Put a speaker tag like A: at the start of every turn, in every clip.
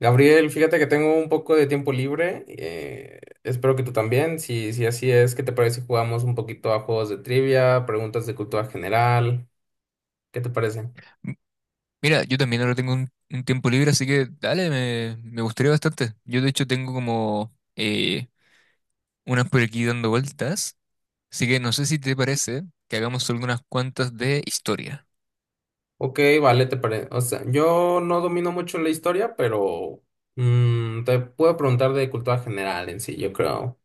A: Gabriel, fíjate que tengo un poco de tiempo libre. Espero que tú también. Si así es, ¿qué te parece si jugamos un poquito a juegos de trivia, preguntas de cultura general? ¿Qué te parece?
B: Mira, yo también ahora tengo un tiempo libre, así que dale, me gustaría bastante. Yo de hecho tengo como unas por aquí dando vueltas, así que no sé si te parece que hagamos algunas cuantas de historia.
A: Ok, vale, te parece. O sea, yo no domino mucho la historia, pero te puedo preguntar de cultura general en sí, yo creo.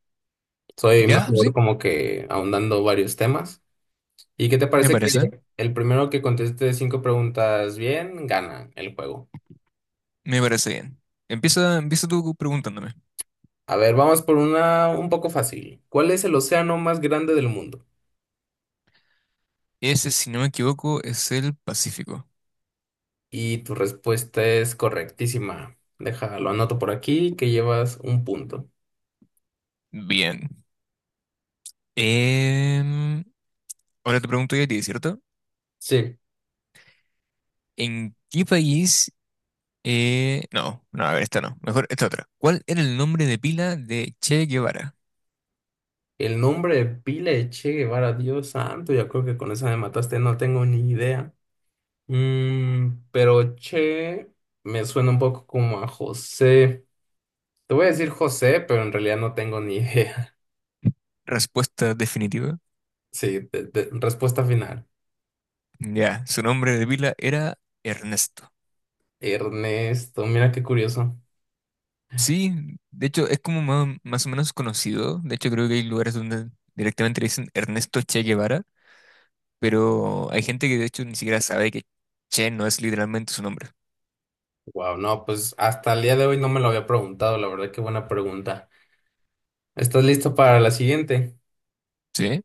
A: Soy
B: ¿Ya? ¿Sí?
A: mejor como que ahondando varios temas. ¿Y qué te
B: Me
A: parece que
B: parece,
A: el primero que conteste cinco preguntas bien, gana el juego?
B: me parece bien. Empieza tú preguntándome.
A: A ver, vamos por una un poco fácil. ¿Cuál es el océano más grande del mundo?
B: Ese, si no me equivoco, es el Pacífico.
A: Y tu respuesta es correctísima. Déjalo, anoto por aquí que llevas un punto.
B: Bien. Em, Ahora te pregunto yo a ti, ¿cierto?
A: Sí,
B: ¿En qué país No, no, a ver, esta no. Mejor esta otra. ¿Cuál era el nombre de pila de Che Guevara?
A: el nombre de pila de Che Guevara, Dios santo, ya creo que con esa me mataste, no tengo ni idea. Pero Che me suena un poco como a José. Te voy a decir José, pero en realidad no tengo ni idea.
B: Respuesta definitiva.
A: Sí, respuesta final.
B: Ya, su nombre de pila era Ernesto.
A: Ernesto, mira qué curioso.
B: Sí, de hecho es como más o menos conocido. De hecho creo que hay lugares donde directamente le dicen Ernesto Che Guevara, pero hay gente que de hecho ni siquiera sabe que Che no es literalmente su nombre.
A: Wow, no, pues hasta el día de hoy no me lo había preguntado, la verdad, qué buena pregunta. ¿Estás listo para la siguiente?
B: ¿Sí?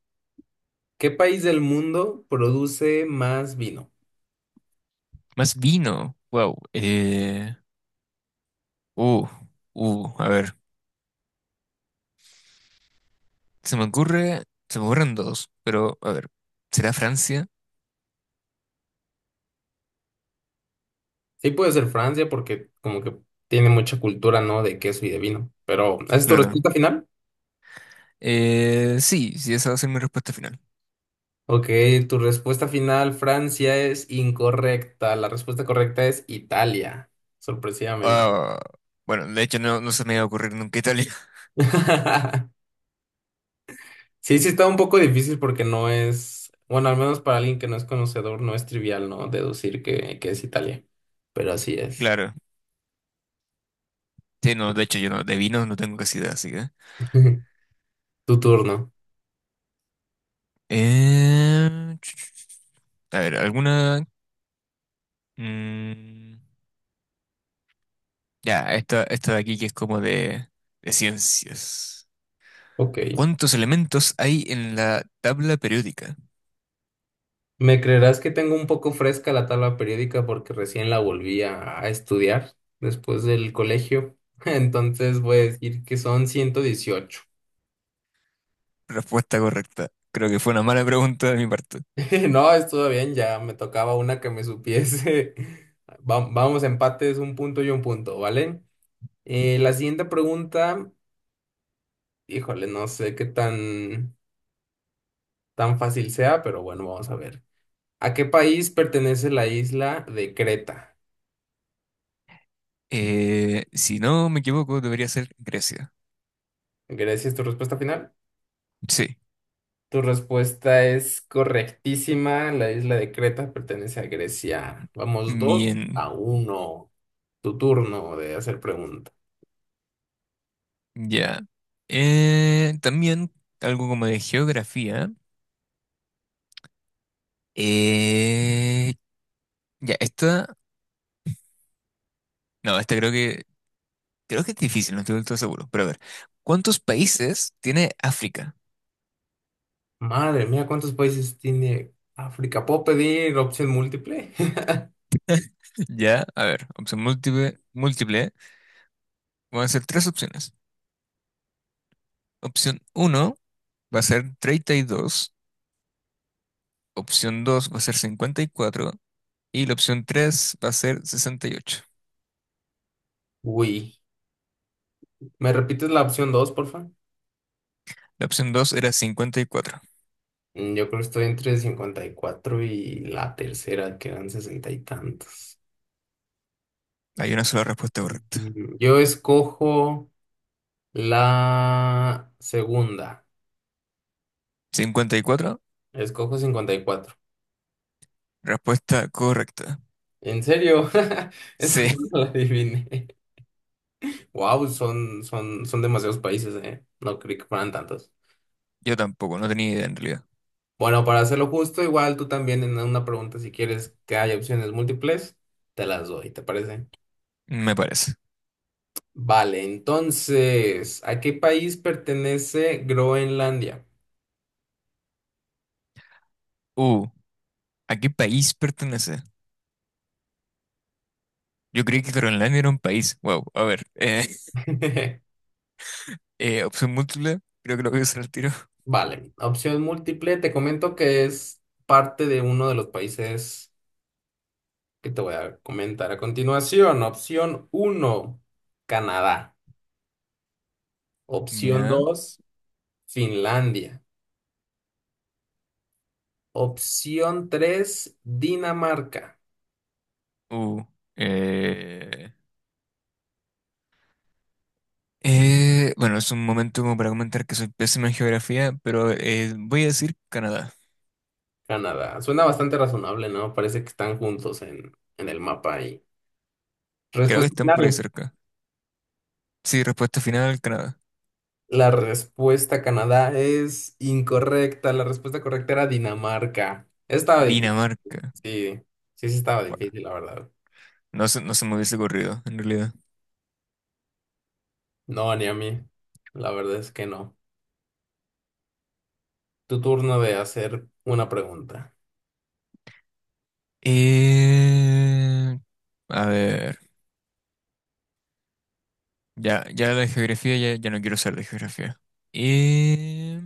A: ¿Qué país del mundo produce más vino?
B: Más vino. Wow. Uh, a ver. Se me ocurre, se me ocurren dos, pero a ver. ¿Será Francia?
A: Sí puede ser Francia porque como que tiene mucha cultura, ¿no? De queso y de vino. Pero, ¿esa ¿es tu
B: Claro.
A: respuesta final?
B: Sí, esa va a ser mi respuesta final.
A: Ok, tu respuesta final, Francia, es incorrecta. La respuesta correcta es Italia, sorpresivamente.
B: Ah, bueno, de hecho no, no se me iba a ocurrir nunca Italia.
A: Sí, sí está un poco difícil porque no es, bueno, al menos para alguien que no es conocedor, no es trivial, ¿no? Deducir que es Italia, pero así es.
B: Claro. Sí, no, de hecho yo no, de vinos no tengo casi idea, así que.
A: Tu turno.
B: Eh, a ver, alguna. mm, ya, esta de aquí que es como de ciencias.
A: Ok.
B: ¿Cuántos elementos hay en la tabla periódica?
A: ¿Me creerás que tengo un poco fresca la tabla periódica porque recién la volví a estudiar después del colegio? Entonces voy a decir que son 118.
B: Respuesta correcta. Creo que fue una mala pregunta de mi parte.
A: No, estuvo bien, ya me tocaba una que me supiese. Vamos, empates, un punto y un punto, ¿vale? La siguiente pregunta. Híjole, no sé qué tan fácil sea, pero bueno, vamos a ver. ¿A qué país pertenece la isla de Creta?
B: Si no me equivoco, debería ser Grecia.
A: Grecia es tu respuesta final.
B: Sí.
A: Tu respuesta es correctísima. La isla de Creta pertenece a Grecia. Vamos dos
B: Bien,
A: a uno. Tu turno de hacer pregunta.
B: ya. También algo como de geografía. Eh, ya, esta, no, esta creo que es difícil, no estoy del todo seguro, pero a ver, ¿cuántos países tiene África?
A: Madre mía, ¿cuántos países tiene África? ¿Puedo pedir opción múltiple?
B: Ya, a ver, opción múltiple, van a ser tres opciones. Opción uno va a ser 32, opción 2 va a ser 54 y la opción 3 va a ser 68.
A: Uy. ¿Me repites la opción dos, porfa?
B: La opción 2 era 54.
A: Yo creo que estoy entre 54 y cuatro y la tercera, que eran sesenta y tantos.
B: Hay una sola respuesta correcta.
A: Yo escojo la segunda.
B: 54
A: Escojo 54.
B: respuesta correcta.
A: ¿En serio? Eso
B: Sí,
A: no lo adiviné. Wow, son demasiados países, ¿eh? No creí que fueran tantos.
B: yo tampoco, no tenía idea en realidad.
A: Bueno, para hacerlo justo, igual tú también en una pregunta, si quieres que haya opciones múltiples, te las doy, ¿te parece?
B: Me parece.
A: Vale, entonces, ¿a qué país pertenece Groenlandia?
B: Uh, ¿A qué país pertenece? Yo creí que Groenlandia era un país. Wow, a ver. Opción múltiple, creo que lo voy a usar al tiro.
A: Vale, opción múltiple, te comento que es parte de uno de los países que te voy a comentar a continuación. Opción uno, Canadá. Opción
B: Ya.
A: 2, Finlandia. Opción 3, Dinamarca,
B: Uh, eh, bueno, es un momento como para comentar que soy pésimo en geografía, pero voy a decir Canadá.
A: Canadá. Suena bastante razonable, ¿no? Parece que están juntos en el mapa ahí.
B: Creo que
A: Respuesta
B: están por ahí
A: final.
B: cerca. Sí, respuesta final, Canadá.
A: La respuesta Canadá es incorrecta. La respuesta correcta era Dinamarca. Estaba difícil,
B: Dinamarca.
A: sí. Sí, sí estaba
B: Guau,
A: difícil, la verdad.
B: no se me hubiese ocurrido, en realidad.
A: No, ni a mí. La verdad es que no. Tu turno de hacer una pregunta.
B: Eh, a ver, ya la de geografía, ya no quiero ser de geografía. Eh,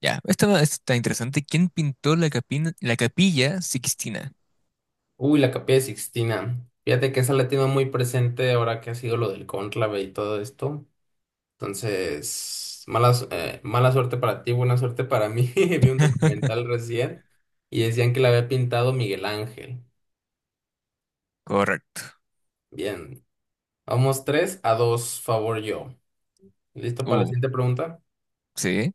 B: ya, esta está interesante. ¿Quién pintó la la capilla Sixtina?
A: Uy, la Capilla Sixtina. Fíjate que esa la tengo muy presente ahora que ha sido lo del cónclave y todo esto. Entonces, mala suerte para ti, buena suerte para mí. Vi un documental recién y decían que la había pintado Miguel Ángel.
B: Correcto.
A: Bien. Vamos 3-2 favor yo. ¿Listo para la
B: Uh,
A: siguiente pregunta?
B: sí.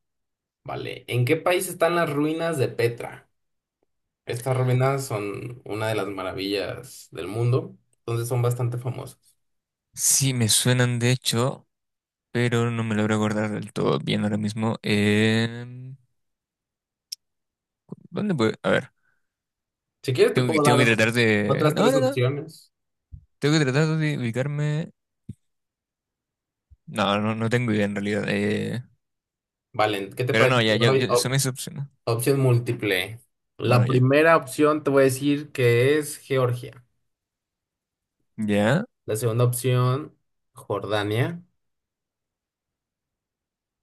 A: Vale. ¿En qué país están las ruinas de Petra? Estas ruinas son una de las maravillas del mundo, entonces son bastante famosas.
B: Sí, me suenan de hecho, pero no me logro acordar del todo bien ahora mismo. Em, ¿dónde puedo? A ver,
A: Si quieres, te puedo
B: tengo
A: dar
B: que tratar de...
A: otras
B: No,
A: tres
B: no, no.
A: opciones.
B: Tengo que tratar de ubicarme... No, no, no tengo idea en realidad.
A: Vale, ¿qué te
B: Pero
A: parece
B: no,
A: si te doy
B: ya, eso me decepcionó.
A: opción múltiple?
B: Bueno,
A: La
B: ya.
A: primera opción te voy a decir que es Georgia.
B: Ya.
A: La segunda opción, Jordania.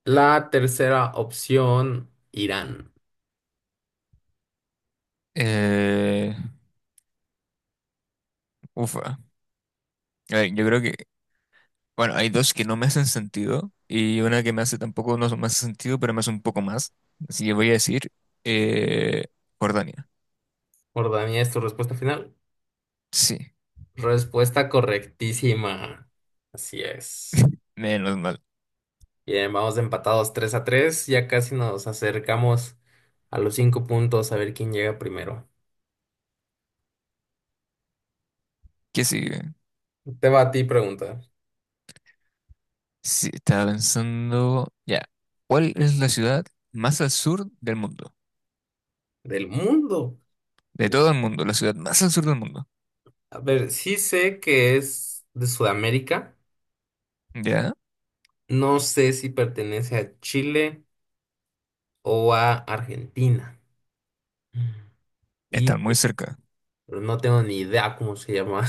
A: La tercera opción, Irán.
B: Eh, ufa. A ver, yo creo que, bueno, hay dos que no me hacen sentido y una que me hace tampoco, no me hace sentido, pero me hace un poco más. Así que voy a decir eh, Jordania.
A: Jordania es tu respuesta final.
B: Sí,
A: Respuesta correctísima. Así es.
B: menos mal.
A: Bien, vamos empatados 3-3. Ya casi nos acercamos a los 5 puntos a ver quién llega primero.
B: ¿Qué sigue?
A: Te va a ti pregunta.
B: Sí, estaba pensando, ya. ¿Cuál es la ciudad más al sur del mundo?
A: ¿Del mundo?
B: De
A: Digo,
B: todo el mundo, la ciudad más al sur del mundo.
A: a ver, sí sé que es de Sudamérica.
B: Ya,
A: No sé si pertenece a Chile o a Argentina. Mm. Y
B: están muy cerca.
A: pero no tengo ni idea cómo se llama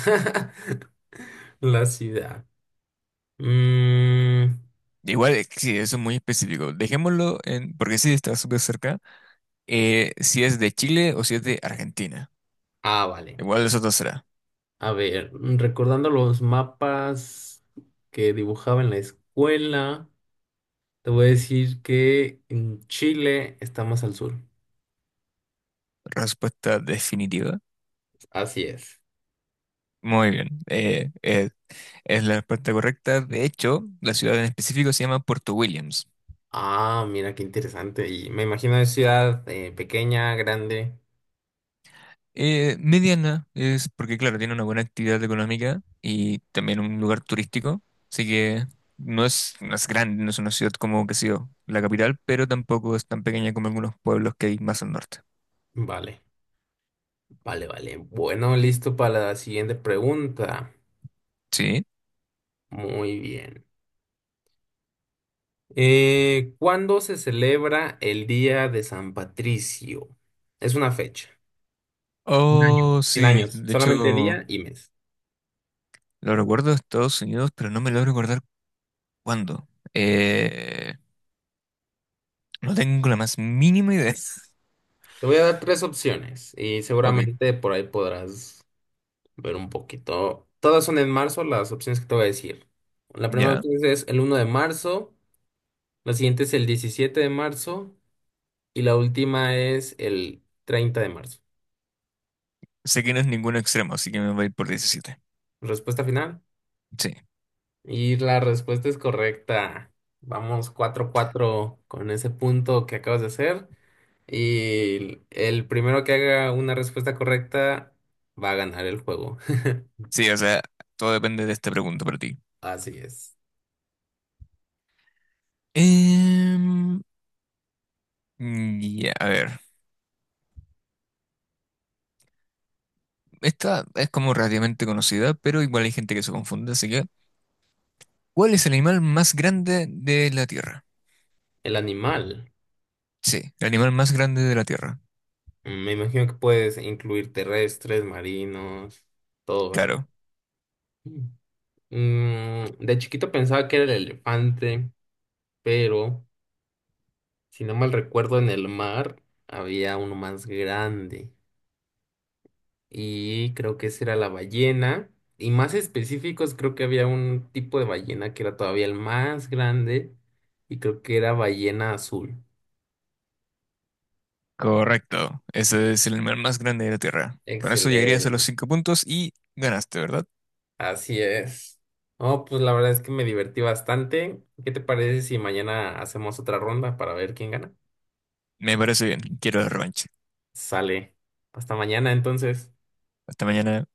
A: la ciudad. Mm,
B: Igual, sí, eso es muy específico. Dejémoslo en, porque sí, está súper cerca. Si es de Chile o si es de Argentina.
A: ah, vale.
B: Igual eso no será.
A: A ver, recordando los mapas que dibujaba en la escuela, te voy a decir que en Chile está más al sur.
B: Respuesta definitiva.
A: Así es.
B: Muy bien. Es la respuesta correcta. De hecho, la ciudad en específico se llama Puerto Williams.
A: Ah, mira qué interesante. Y me imagino es ciudad pequeña, grande.
B: Mediana es porque, claro, tiene una buena actividad económica y también un lugar turístico. Así que no es grande, no es una ciudad como, qué sé yo, la capital, pero tampoco es tan pequeña como algunos pueblos que hay más al norte.
A: Vale, vale, vale. Bueno, listo para la siguiente pregunta.
B: Sí.
A: Muy bien. ¿Cuándo se celebra el Día de San Patricio? Es una fecha. Un año.
B: Oh,
A: 100
B: sí.
A: años.
B: De
A: Solamente
B: hecho.
A: día y mes.
B: Lo recuerdo de Estados Unidos, pero no me logro recordar cuándo. Eh, no tengo la más mínima idea.
A: Te voy a dar tres opciones y
B: Ok,
A: seguramente por ahí podrás ver un poquito. Todas son en marzo las opciones que te voy a decir. La primera
B: ya.
A: opción es el 1 de marzo, la siguiente es el 17 de marzo y la última es el 30 de marzo.
B: Sé que no es ningún extremo, así que me voy a ir por 17.
A: Respuesta final.
B: Sí.
A: Y la respuesta es correcta. Vamos 4-4 con ese punto que acabas de hacer. Y el primero que haga una respuesta correcta va a ganar el juego.
B: Sí, o sea, todo depende de esta pregunta para ti.
A: Así es.
B: Em, ya, a ver. Esta es como relativamente conocida, pero igual hay gente que se confunde, así que... ¿Cuál es el animal más grande de la Tierra?
A: El animal.
B: Sí, el animal más grande de la Tierra.
A: Me imagino que puedes incluir terrestres, marinos, todo, ¿verdad?
B: Claro,
A: Mm, de chiquito pensaba que era el elefante, pero si no mal recuerdo, en el mar había uno más grande. Y creo que esa era la ballena. Y más específicos, creo que había un tipo de ballena que era todavía el más grande. Y creo que era ballena azul.
B: correcto, ese es el animal más grande de la Tierra. Con eso llegarías a los
A: Excelente.
B: cinco puntos y ganaste, ¿verdad?
A: Así es. No, pues la verdad es que me divertí bastante. ¿Qué te parece si mañana hacemos otra ronda para ver quién gana?
B: Me parece bien, quiero la revancha.
A: Sale. Hasta mañana entonces.
B: Hasta mañana.